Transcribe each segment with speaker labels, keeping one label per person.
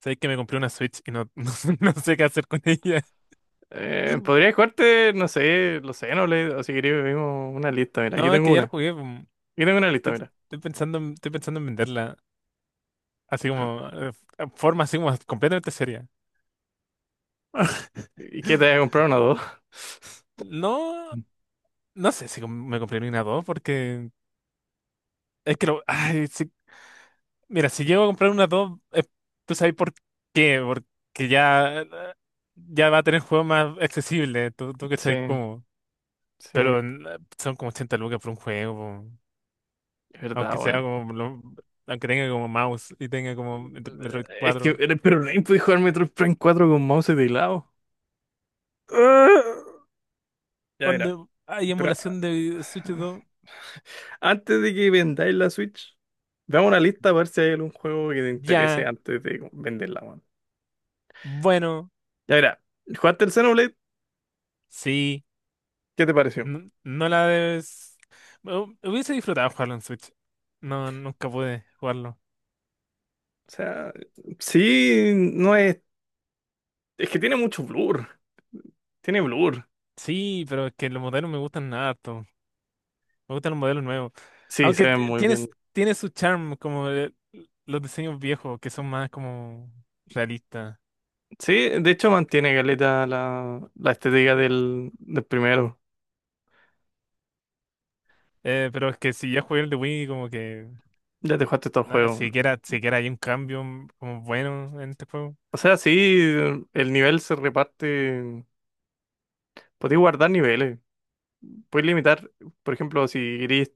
Speaker 1: Sabéis que me compré una Switch y no sé qué hacer con ella.
Speaker 2: Podría jugarte, no sé, los le o si queréis vimos una lista, mira, aquí
Speaker 1: No, es
Speaker 2: tengo
Speaker 1: que ya
Speaker 2: una.
Speaker 1: la
Speaker 2: Aquí
Speaker 1: jugué. Pum.
Speaker 2: tengo una lista,
Speaker 1: Estoy,
Speaker 2: mira.
Speaker 1: estoy estoy pensando en venderla. Así como, forma así como completamente seria.
Speaker 2: ¿Y qué te voy a comprar una o dos?
Speaker 1: No, no sé si me compré una 2 porque es que lo, ay, si- mira, si llego a comprar una 2 tú sabes por qué, porque ya, ya va a tener juegos más accesibles, tú cachai
Speaker 2: Sí,
Speaker 1: como,
Speaker 2: sí, es
Speaker 1: pero son como 80 lucas por un juego.
Speaker 2: verdad,
Speaker 1: Aunque sea
Speaker 2: weón.
Speaker 1: como, aunque tenga como mouse y tenga como Metroid
Speaker 2: Es que,
Speaker 1: 4.
Speaker 2: pero no podéis jugar Metroid Prime cuatro con mouse y teclado. Ya, mira,
Speaker 1: Cuando hay
Speaker 2: pero
Speaker 1: emulación de Switch 2,
Speaker 2: antes de que vendáis la Switch, veamos una lista para ver si hay algún juego que te interese
Speaker 1: ya,
Speaker 2: antes de venderla, weón.
Speaker 1: bueno,
Speaker 2: Ya, mira, ¿jugaste el Xenoblade?
Speaker 1: sí,
Speaker 2: ¿Qué te pareció?
Speaker 1: no, no la debes. Hubiese disfrutado jugarlo en Switch. No, nunca pude jugarlo.
Speaker 2: O sea, sí, no es. Es que tiene mucho blur. Tiene blur.
Speaker 1: Sí, pero es que los modelos me gustan harto. Me gustan los modelos nuevos.
Speaker 2: Sí, se
Speaker 1: Aunque
Speaker 2: ve muy
Speaker 1: tienes,
Speaker 2: bien.
Speaker 1: tiene su charm, como los diseños viejos, que son más como realistas.
Speaker 2: Sí, de hecho mantiene caleta la estética del primero.
Speaker 1: Pero es que si ya jugué el de Wii, como que.
Speaker 2: Ya te jugaste todo el
Speaker 1: No,
Speaker 2: juego.
Speaker 1: siquiera, siquiera hay un cambio como bueno en este juego.
Speaker 2: O sea, sí, el nivel se reparte. Podéis guardar niveles. Podéis limitar, por ejemplo, si queréis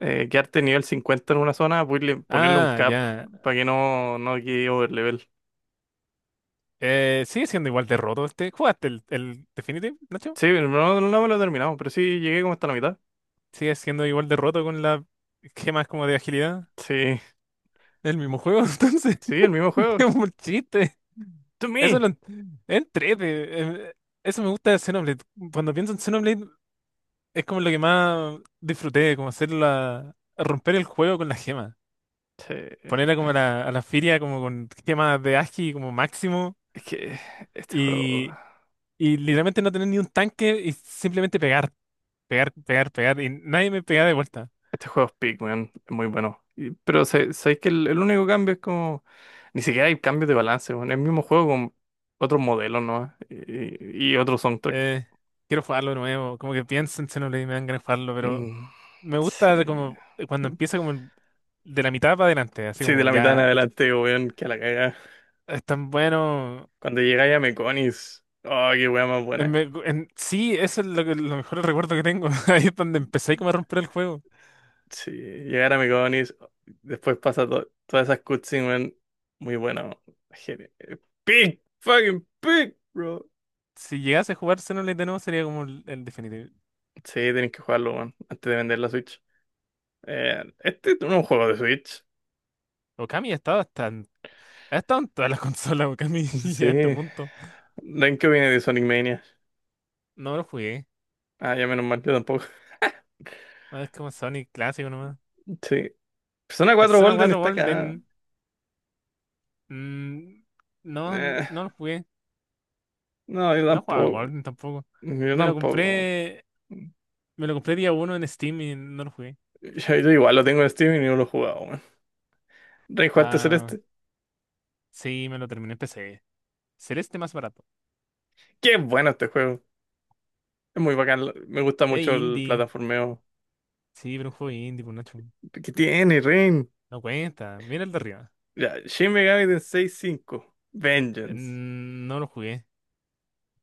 Speaker 2: quedarte nivel 50 en una zona, podéis ponerle un
Speaker 1: Ah,
Speaker 2: cap
Speaker 1: ya.
Speaker 2: para que no quede overlevel.
Speaker 1: Sigue siendo igual de roto este. ¿Jugaste el Definitive, Nacho?
Speaker 2: Sí, no, no me lo he terminado, pero sí llegué como hasta la mitad.
Speaker 1: Sigue siendo igual de roto con las gemas como de agilidad.
Speaker 2: Sí,
Speaker 1: El mismo juego, entonces.
Speaker 2: sí, el mismo juego.
Speaker 1: Es un chiste.
Speaker 2: To
Speaker 1: Eso lo
Speaker 2: me.
Speaker 1: en- es entrete. Eso me gusta de Xenoblade. Cuando pienso en Xenoblade, es como lo que más disfruté, como hacer la, romper el juego con las gemas.
Speaker 2: Sí,
Speaker 1: Ponerla como a la feria como con gemas de agi como máximo.
Speaker 2: es que este juego.
Speaker 1: Y literalmente no tener ni un tanque y simplemente pegar, pegar, pegar, pegar. Y nadie me pega de vuelta.
Speaker 2: Este juego es Peak, weón, es muy bueno. Pero sabéis que el único cambio es como. Ni siquiera hay cambios de balance, weón. Es el mismo juego con otros modelos, ¿no? Y otro soundtrack.
Speaker 1: Eh, Quiero jugarlo de nuevo. Como que pienso en Xenoblade y me dan ganas de jugarlo, pero
Speaker 2: Mm,
Speaker 1: me gusta de
Speaker 2: sí.
Speaker 1: como cuando empieza como de la mitad para adelante. Así
Speaker 2: Sí, de
Speaker 1: como
Speaker 2: la mitad en
Speaker 1: ya
Speaker 2: adelante, weón, que a la caga.
Speaker 1: es tan bueno.
Speaker 2: Cuando llegáis a Meconis. Oh, qué weón más
Speaker 1: En
Speaker 2: buena.
Speaker 1: sí, eso es lo, que, lo mejor recuerdo que tengo. Ahí es donde empecé como a romper el juego.
Speaker 2: Sí, llegar a Meconis. Después pasa todas esas cutscenes, weón. Muy bueno. Peak, fucking peak, bro.
Speaker 1: Si llegase a jugar Xenoblade de nuevo sería como el definitivo.
Speaker 2: Sí, tenéis que jugarlo, weón, antes de vender la Switch. Este es un juego de Switch.
Speaker 1: Okami ha estado hasta ha estado en todas las consolas, Okami,
Speaker 2: Sí.
Speaker 1: ya a este
Speaker 2: ¿De
Speaker 1: punto.
Speaker 2: en qué viene de Sonic Mania?
Speaker 1: No lo jugué.
Speaker 2: Ah, ya menos mal, yo tampoco.
Speaker 1: No, es como Sonic clásico nomás.
Speaker 2: Sí. Persona cuatro
Speaker 1: Persona
Speaker 2: Golden
Speaker 1: 4
Speaker 2: está acá.
Speaker 1: Golden. mm, no,
Speaker 2: Eh,
Speaker 1: no lo jugué.
Speaker 2: no, yo
Speaker 1: No jugaba al
Speaker 2: tampoco.
Speaker 1: Golden tampoco.
Speaker 2: Yo
Speaker 1: Me lo
Speaker 2: tampoco.
Speaker 1: compré. Me lo compré día uno en Steam y no lo jugué.
Speaker 2: Yo igual lo tengo en Steam y no lo he jugado, weón. Rey Juárez
Speaker 1: Ah,
Speaker 2: Celeste.
Speaker 1: sí, me lo terminé en PC. Celeste más barato.
Speaker 2: Qué bueno este juego. Es muy bacán. Me gusta mucho el
Speaker 1: Indie.
Speaker 2: plataformeo
Speaker 1: Sí, pero un juego indie, pues Nacho.
Speaker 2: que tiene, Rain.
Speaker 1: No cuenta. Mira el de arriba.
Speaker 2: Ya, Shin Megami Tensei cinco. Vengeance.
Speaker 1: No lo jugué.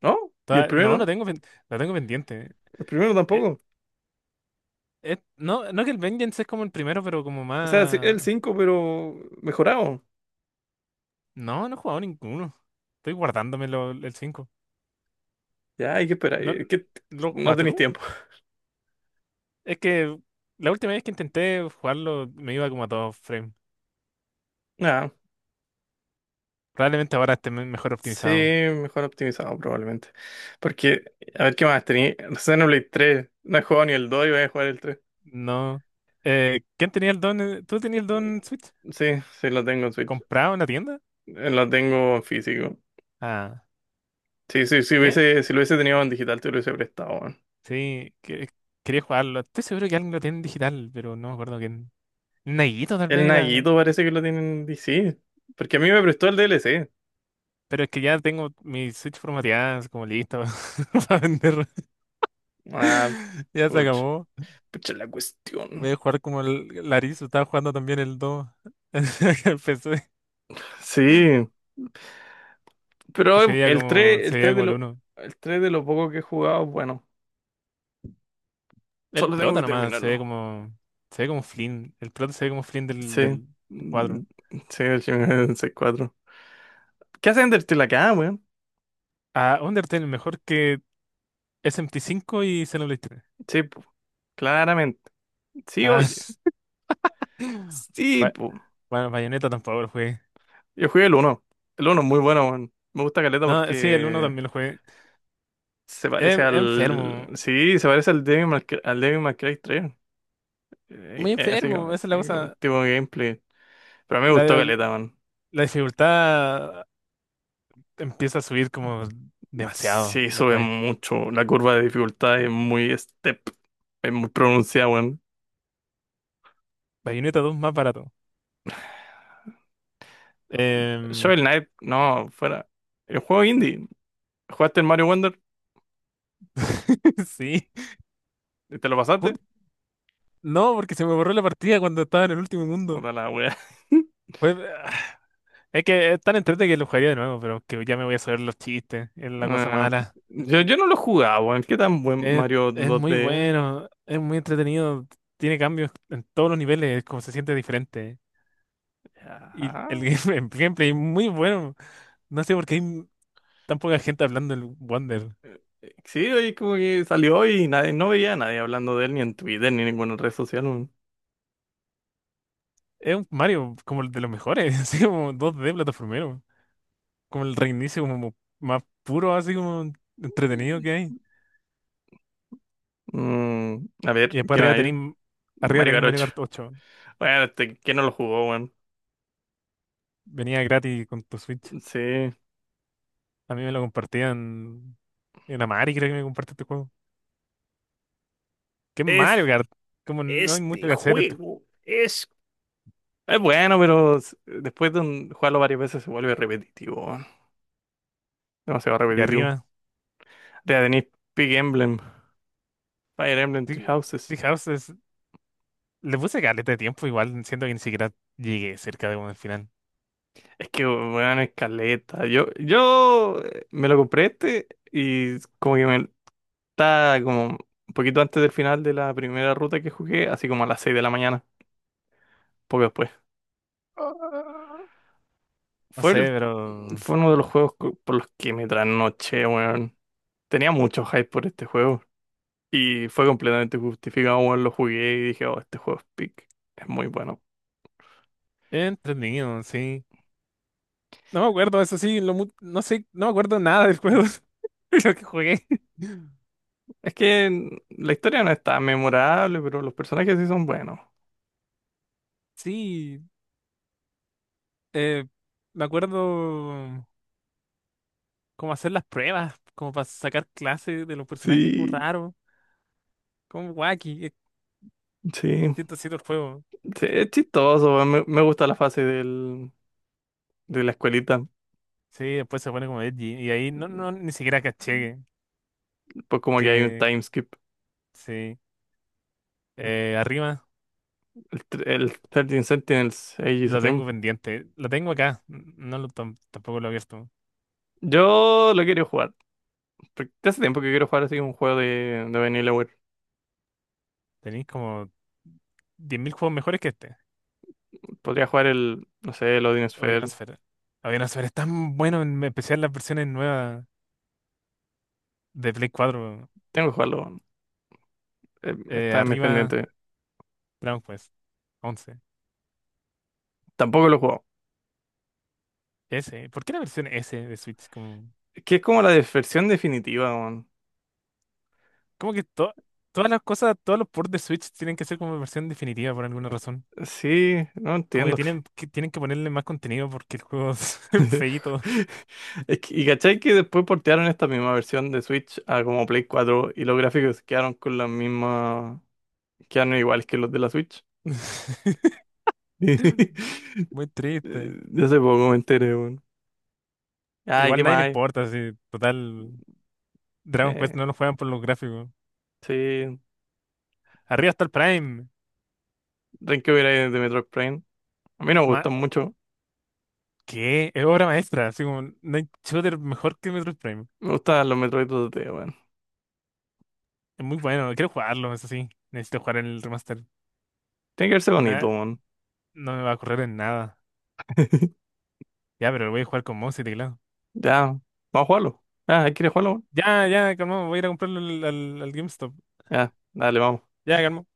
Speaker 2: ¿No? ¿Y el
Speaker 1: No, lo
Speaker 2: primero?
Speaker 1: lo tengo pendiente.
Speaker 2: El primero
Speaker 1: Eh,
Speaker 2: tampoco.
Speaker 1: no, no que el Vengeance es como el primero, pero como
Speaker 2: O sea, sí, el
Speaker 1: más.
Speaker 2: 5 pero mejorado.
Speaker 1: No, no he jugado ninguno. Estoy guardándome el cinco.
Speaker 2: Ya hay que esperar.
Speaker 1: ¿No
Speaker 2: Que
Speaker 1: lo
Speaker 2: no
Speaker 1: jugaste
Speaker 2: tenéis
Speaker 1: tú?
Speaker 2: tiempo.
Speaker 1: Es que la última vez que intenté jugarlo me iba como a dos frames.
Speaker 2: Ah,
Speaker 1: Probablemente ahora esté mejor
Speaker 2: sí,
Speaker 1: optimizado.
Speaker 2: mejor optimizado probablemente. Porque, a ver qué más tenéis. Xenoblade 3. No he jugado ni el 2 y voy a jugar el tres.
Speaker 1: No. ¿Quién tenía el don? ¿Tú tenías el don
Speaker 2: Mm,
Speaker 1: Switch?
Speaker 2: sí, sí, lo tengo en Switch.
Speaker 1: ¿Comprado en la tienda?
Speaker 2: Lo tengo en físico.
Speaker 1: Ah,
Speaker 2: Sí, sí, sí
Speaker 1: ¿qué?
Speaker 2: hubiese, si lo hubiese tenido en digital, te lo hubiese prestado, weón.
Speaker 1: Sí, quería jugarlo. Estoy seguro que alguien lo tiene en digital, pero no me acuerdo quién. Nayito tal
Speaker 2: El
Speaker 1: vez era.
Speaker 2: Naguito parece que lo tiene en DC. Porque a mí me prestó el DLC.
Speaker 1: Pero es que ya tengo mi Switch formateada, así como listo para vender.
Speaker 2: Ah,
Speaker 1: Ya se
Speaker 2: pucha.
Speaker 1: acabó.
Speaker 2: Pucha la
Speaker 1: Voy
Speaker 2: cuestión.
Speaker 1: a jugar como el Larizo, estaba jugando también el 2 en el PC,
Speaker 2: Sí,
Speaker 1: que
Speaker 2: pero el tres
Speaker 1: se
Speaker 2: el
Speaker 1: veía
Speaker 2: tres de
Speaker 1: como el
Speaker 2: lo,
Speaker 1: uno.
Speaker 2: el 3 de lo poco que he jugado, bueno.
Speaker 1: El
Speaker 2: Solo tengo
Speaker 1: prota
Speaker 2: que
Speaker 1: nomás,
Speaker 2: terminarlo.
Speaker 1: se ve como Flynn, el prota se ve como Flynn del,
Speaker 2: Sí.
Speaker 1: del
Speaker 2: Mm,
Speaker 1: 4.
Speaker 2: sí, el Shin Megami Tensei 4. ¿Qué hace Undertale acá, weón?
Speaker 1: Ah, Undertale mejor que SMT5 y Xenoblade 3.
Speaker 2: Sí, po. Claramente. Sí,
Speaker 1: Ah,
Speaker 2: oye. Sí,
Speaker 1: Ba-
Speaker 2: po.
Speaker 1: bueno, Bayonetta tampoco lo jugué.
Speaker 2: Yo jugué el uno, El uno es muy bueno, weón. Me gusta Caleta
Speaker 1: No, sí, el uno
Speaker 2: porque
Speaker 1: también lo jugué.
Speaker 2: se
Speaker 1: Es
Speaker 2: parece al...
Speaker 1: enfermo,
Speaker 2: Sí, se parece al Devil May Cry, al Devil May Cry 3.
Speaker 1: muy
Speaker 2: Así como,
Speaker 1: enfermo, esa es la
Speaker 2: como
Speaker 1: cosa.
Speaker 2: tipo de gameplay. Pero a mí me gustó
Speaker 1: La,
Speaker 2: Caleta, weón.
Speaker 1: la dificultad empieza a subir como demasiado
Speaker 2: Sí, sube
Speaker 1: después.
Speaker 2: mucho. La curva de dificultad es muy step. Es muy pronunciada, weón.
Speaker 1: Bayonetta 2 más barato. Em,
Speaker 2: Shovel Knight, no, fuera. El juego indie. ¿Jugaste el Mario Wonder?
Speaker 1: sí.
Speaker 2: ¿Y te lo pasaste?
Speaker 1: Jut- No, porque se me borró la partida cuando estaba en el último mundo.
Speaker 2: Puta la wea.
Speaker 1: Pues, ah, es que es tan entretenido que lo jugaría de nuevo, pero que ya me voy a saber los chistes. Es la cosa
Speaker 2: Ah,
Speaker 1: mala.
Speaker 2: yo no lo jugaba, weón. ¿Qué tan buen
Speaker 1: Es,
Speaker 2: Mario
Speaker 1: es muy
Speaker 2: 2D?
Speaker 1: bueno, es muy entretenido. Tiene cambios en todos los niveles, como se siente diferente. Y
Speaker 2: Ajá.
Speaker 1: el el gameplay es muy bueno. No sé por qué hay tan poca gente hablando del Wonder.
Speaker 2: Sí, oye, como que salió y nadie, no veía a nadie hablando de él ni en Twitter ni en ninguna red social, weón.
Speaker 1: Es un Mario como el de los mejores, así como dos d plataformero. Como el reinicio como más puro, así como entretenido que hay.
Speaker 2: Mm, a
Speaker 1: Y
Speaker 2: ver,
Speaker 1: después
Speaker 2: ¿qué más
Speaker 1: arriba
Speaker 2: hay?
Speaker 1: tenéis, arriba
Speaker 2: Mario
Speaker 1: tenéis Mario
Speaker 2: Garocho.
Speaker 1: Kart 8.
Speaker 2: Bueno, este, ¿quién no lo jugó, weón?
Speaker 1: Venía gratis con tu Switch.
Speaker 2: Sí.
Speaker 1: A mí me lo compartían en Amari, creo que me compartió este juego. ¿Qué es
Speaker 2: Es,
Speaker 1: Mario Kart? Como no hay mucho
Speaker 2: este
Speaker 1: que hacer. Esto.
Speaker 2: juego es... Es bueno, pero después de jugarlo varias veces se vuelve repetitivo. Demasiado
Speaker 1: Y
Speaker 2: repetitivo.
Speaker 1: arriba,
Speaker 2: Ya tenéis Big Emblem, Fire Emblem Three
Speaker 1: Tri-
Speaker 2: Houses.
Speaker 1: Tree House le puse caleta de tiempo, igual siento que ni siquiera llegué cerca de como el final.
Speaker 2: Es que, weón, escaleta. Yo me lo compré este y como que me está como un poquito antes del final de la primera ruta que jugué, así como a las 6 de la mañana, poco después.
Speaker 1: Ah, no
Speaker 2: Fue
Speaker 1: sé,
Speaker 2: el,
Speaker 1: pero
Speaker 2: fue uno de los juegos por los que me trasnoché, weón. Tenía mucho hype por este juego y fue completamente justificado, weón. Lo jugué y dije, oh, este juego es pick. Es muy bueno.
Speaker 1: entretenido, sí. No me acuerdo, eso sí, lo no sé, no me acuerdo nada del juego, de lo que jugué.
Speaker 2: Es que la historia no es tan memorable, pero los personajes sí son buenos.
Speaker 1: Sí, Eh, me acuerdo cómo hacer las pruebas, como para sacar clases de los personajes, como
Speaker 2: Sí.
Speaker 1: raro, como wacky, es
Speaker 2: Sí,
Speaker 1: chistosito el juego.
Speaker 2: sí, es chistoso. Me gusta la fase del, de la escuelita.
Speaker 1: Sí, después se pone como edgy, y ahí no,
Speaker 2: Pues
Speaker 1: no, ni siquiera caché
Speaker 2: como que hay un
Speaker 1: que,
Speaker 2: time skip.
Speaker 1: sí, arriba
Speaker 2: El 13 Sentinels Aegis
Speaker 1: lo
Speaker 2: Rim.
Speaker 1: tengo pendiente, lo tengo acá, no lo, tampoco lo he abierto.
Speaker 2: Yo lo quiero jugar. Porque hace tiempo que quiero jugar así un juego de Vanillaware.
Speaker 1: Tenéis como 10.000 juegos mejores que este,
Speaker 2: Podría jugar el, no sé, el Odin Sphere.
Speaker 1: Odionosfera. Odionosfera es tan bueno, en especial las versiones nuevas de Play 4,
Speaker 2: Tengo que jugarlo. Está en mis
Speaker 1: arriba
Speaker 2: pendientes.
Speaker 1: Dragon Quest 11.
Speaker 2: Tampoco lo he jugado.
Speaker 1: S. ¿Por qué la versión S de Switch? Como,
Speaker 2: Es que es como la versión definitiva, man.
Speaker 1: como que todas las cosas, todos los ports de Switch tienen que ser como versión definitiva por alguna razón.
Speaker 2: Sí, no
Speaker 1: Como que
Speaker 2: entiendo.
Speaker 1: tienen que, tienen que ponerle más contenido porque el juego es feíto.
Speaker 2: Es que- y cachai que después portearon esta misma versión de Switch a como Play 4 y los gráficos quedaron con la misma, quedaron iguales que los de la Switch.
Speaker 1: Muy triste.
Speaker 2: Ya hace poco me enteré, weón. Ay,
Speaker 1: Igual
Speaker 2: ¿qué más
Speaker 1: nadie le
Speaker 2: hay?
Speaker 1: importa, si total. Dragon Quest
Speaker 2: Eh,
Speaker 1: no lo juegan por los gráficos.
Speaker 2: sí,
Speaker 1: Arriba está el Prime.
Speaker 2: Renkyo era de Metroid Prime. A mí no me
Speaker 1: Ma-
Speaker 2: gustan mucho.
Speaker 1: ¿Qué? Es obra maestra. Así como, no hay shooter mejor que Metroid Prime.
Speaker 2: Me gustan los Metroid 2D, weón.
Speaker 1: Es muy bueno, quiero jugarlo, eso sí. Necesito jugar el remaster.
Speaker 2: Tiene que verse
Speaker 1: Na-
Speaker 2: bonito, weón.
Speaker 1: No, me va a correr en nada. Ya, pero lo voy a jugar con mouse y teclado.
Speaker 2: Ya, vamos a jugarlo. Ah, ¿quieres jugarlo, weón?
Speaker 1: Ya, ya, calmado, voy a ir a comprarlo al, al, al GameStop.
Speaker 2: Ya, dale, vamos.
Speaker 1: Ya, calmado.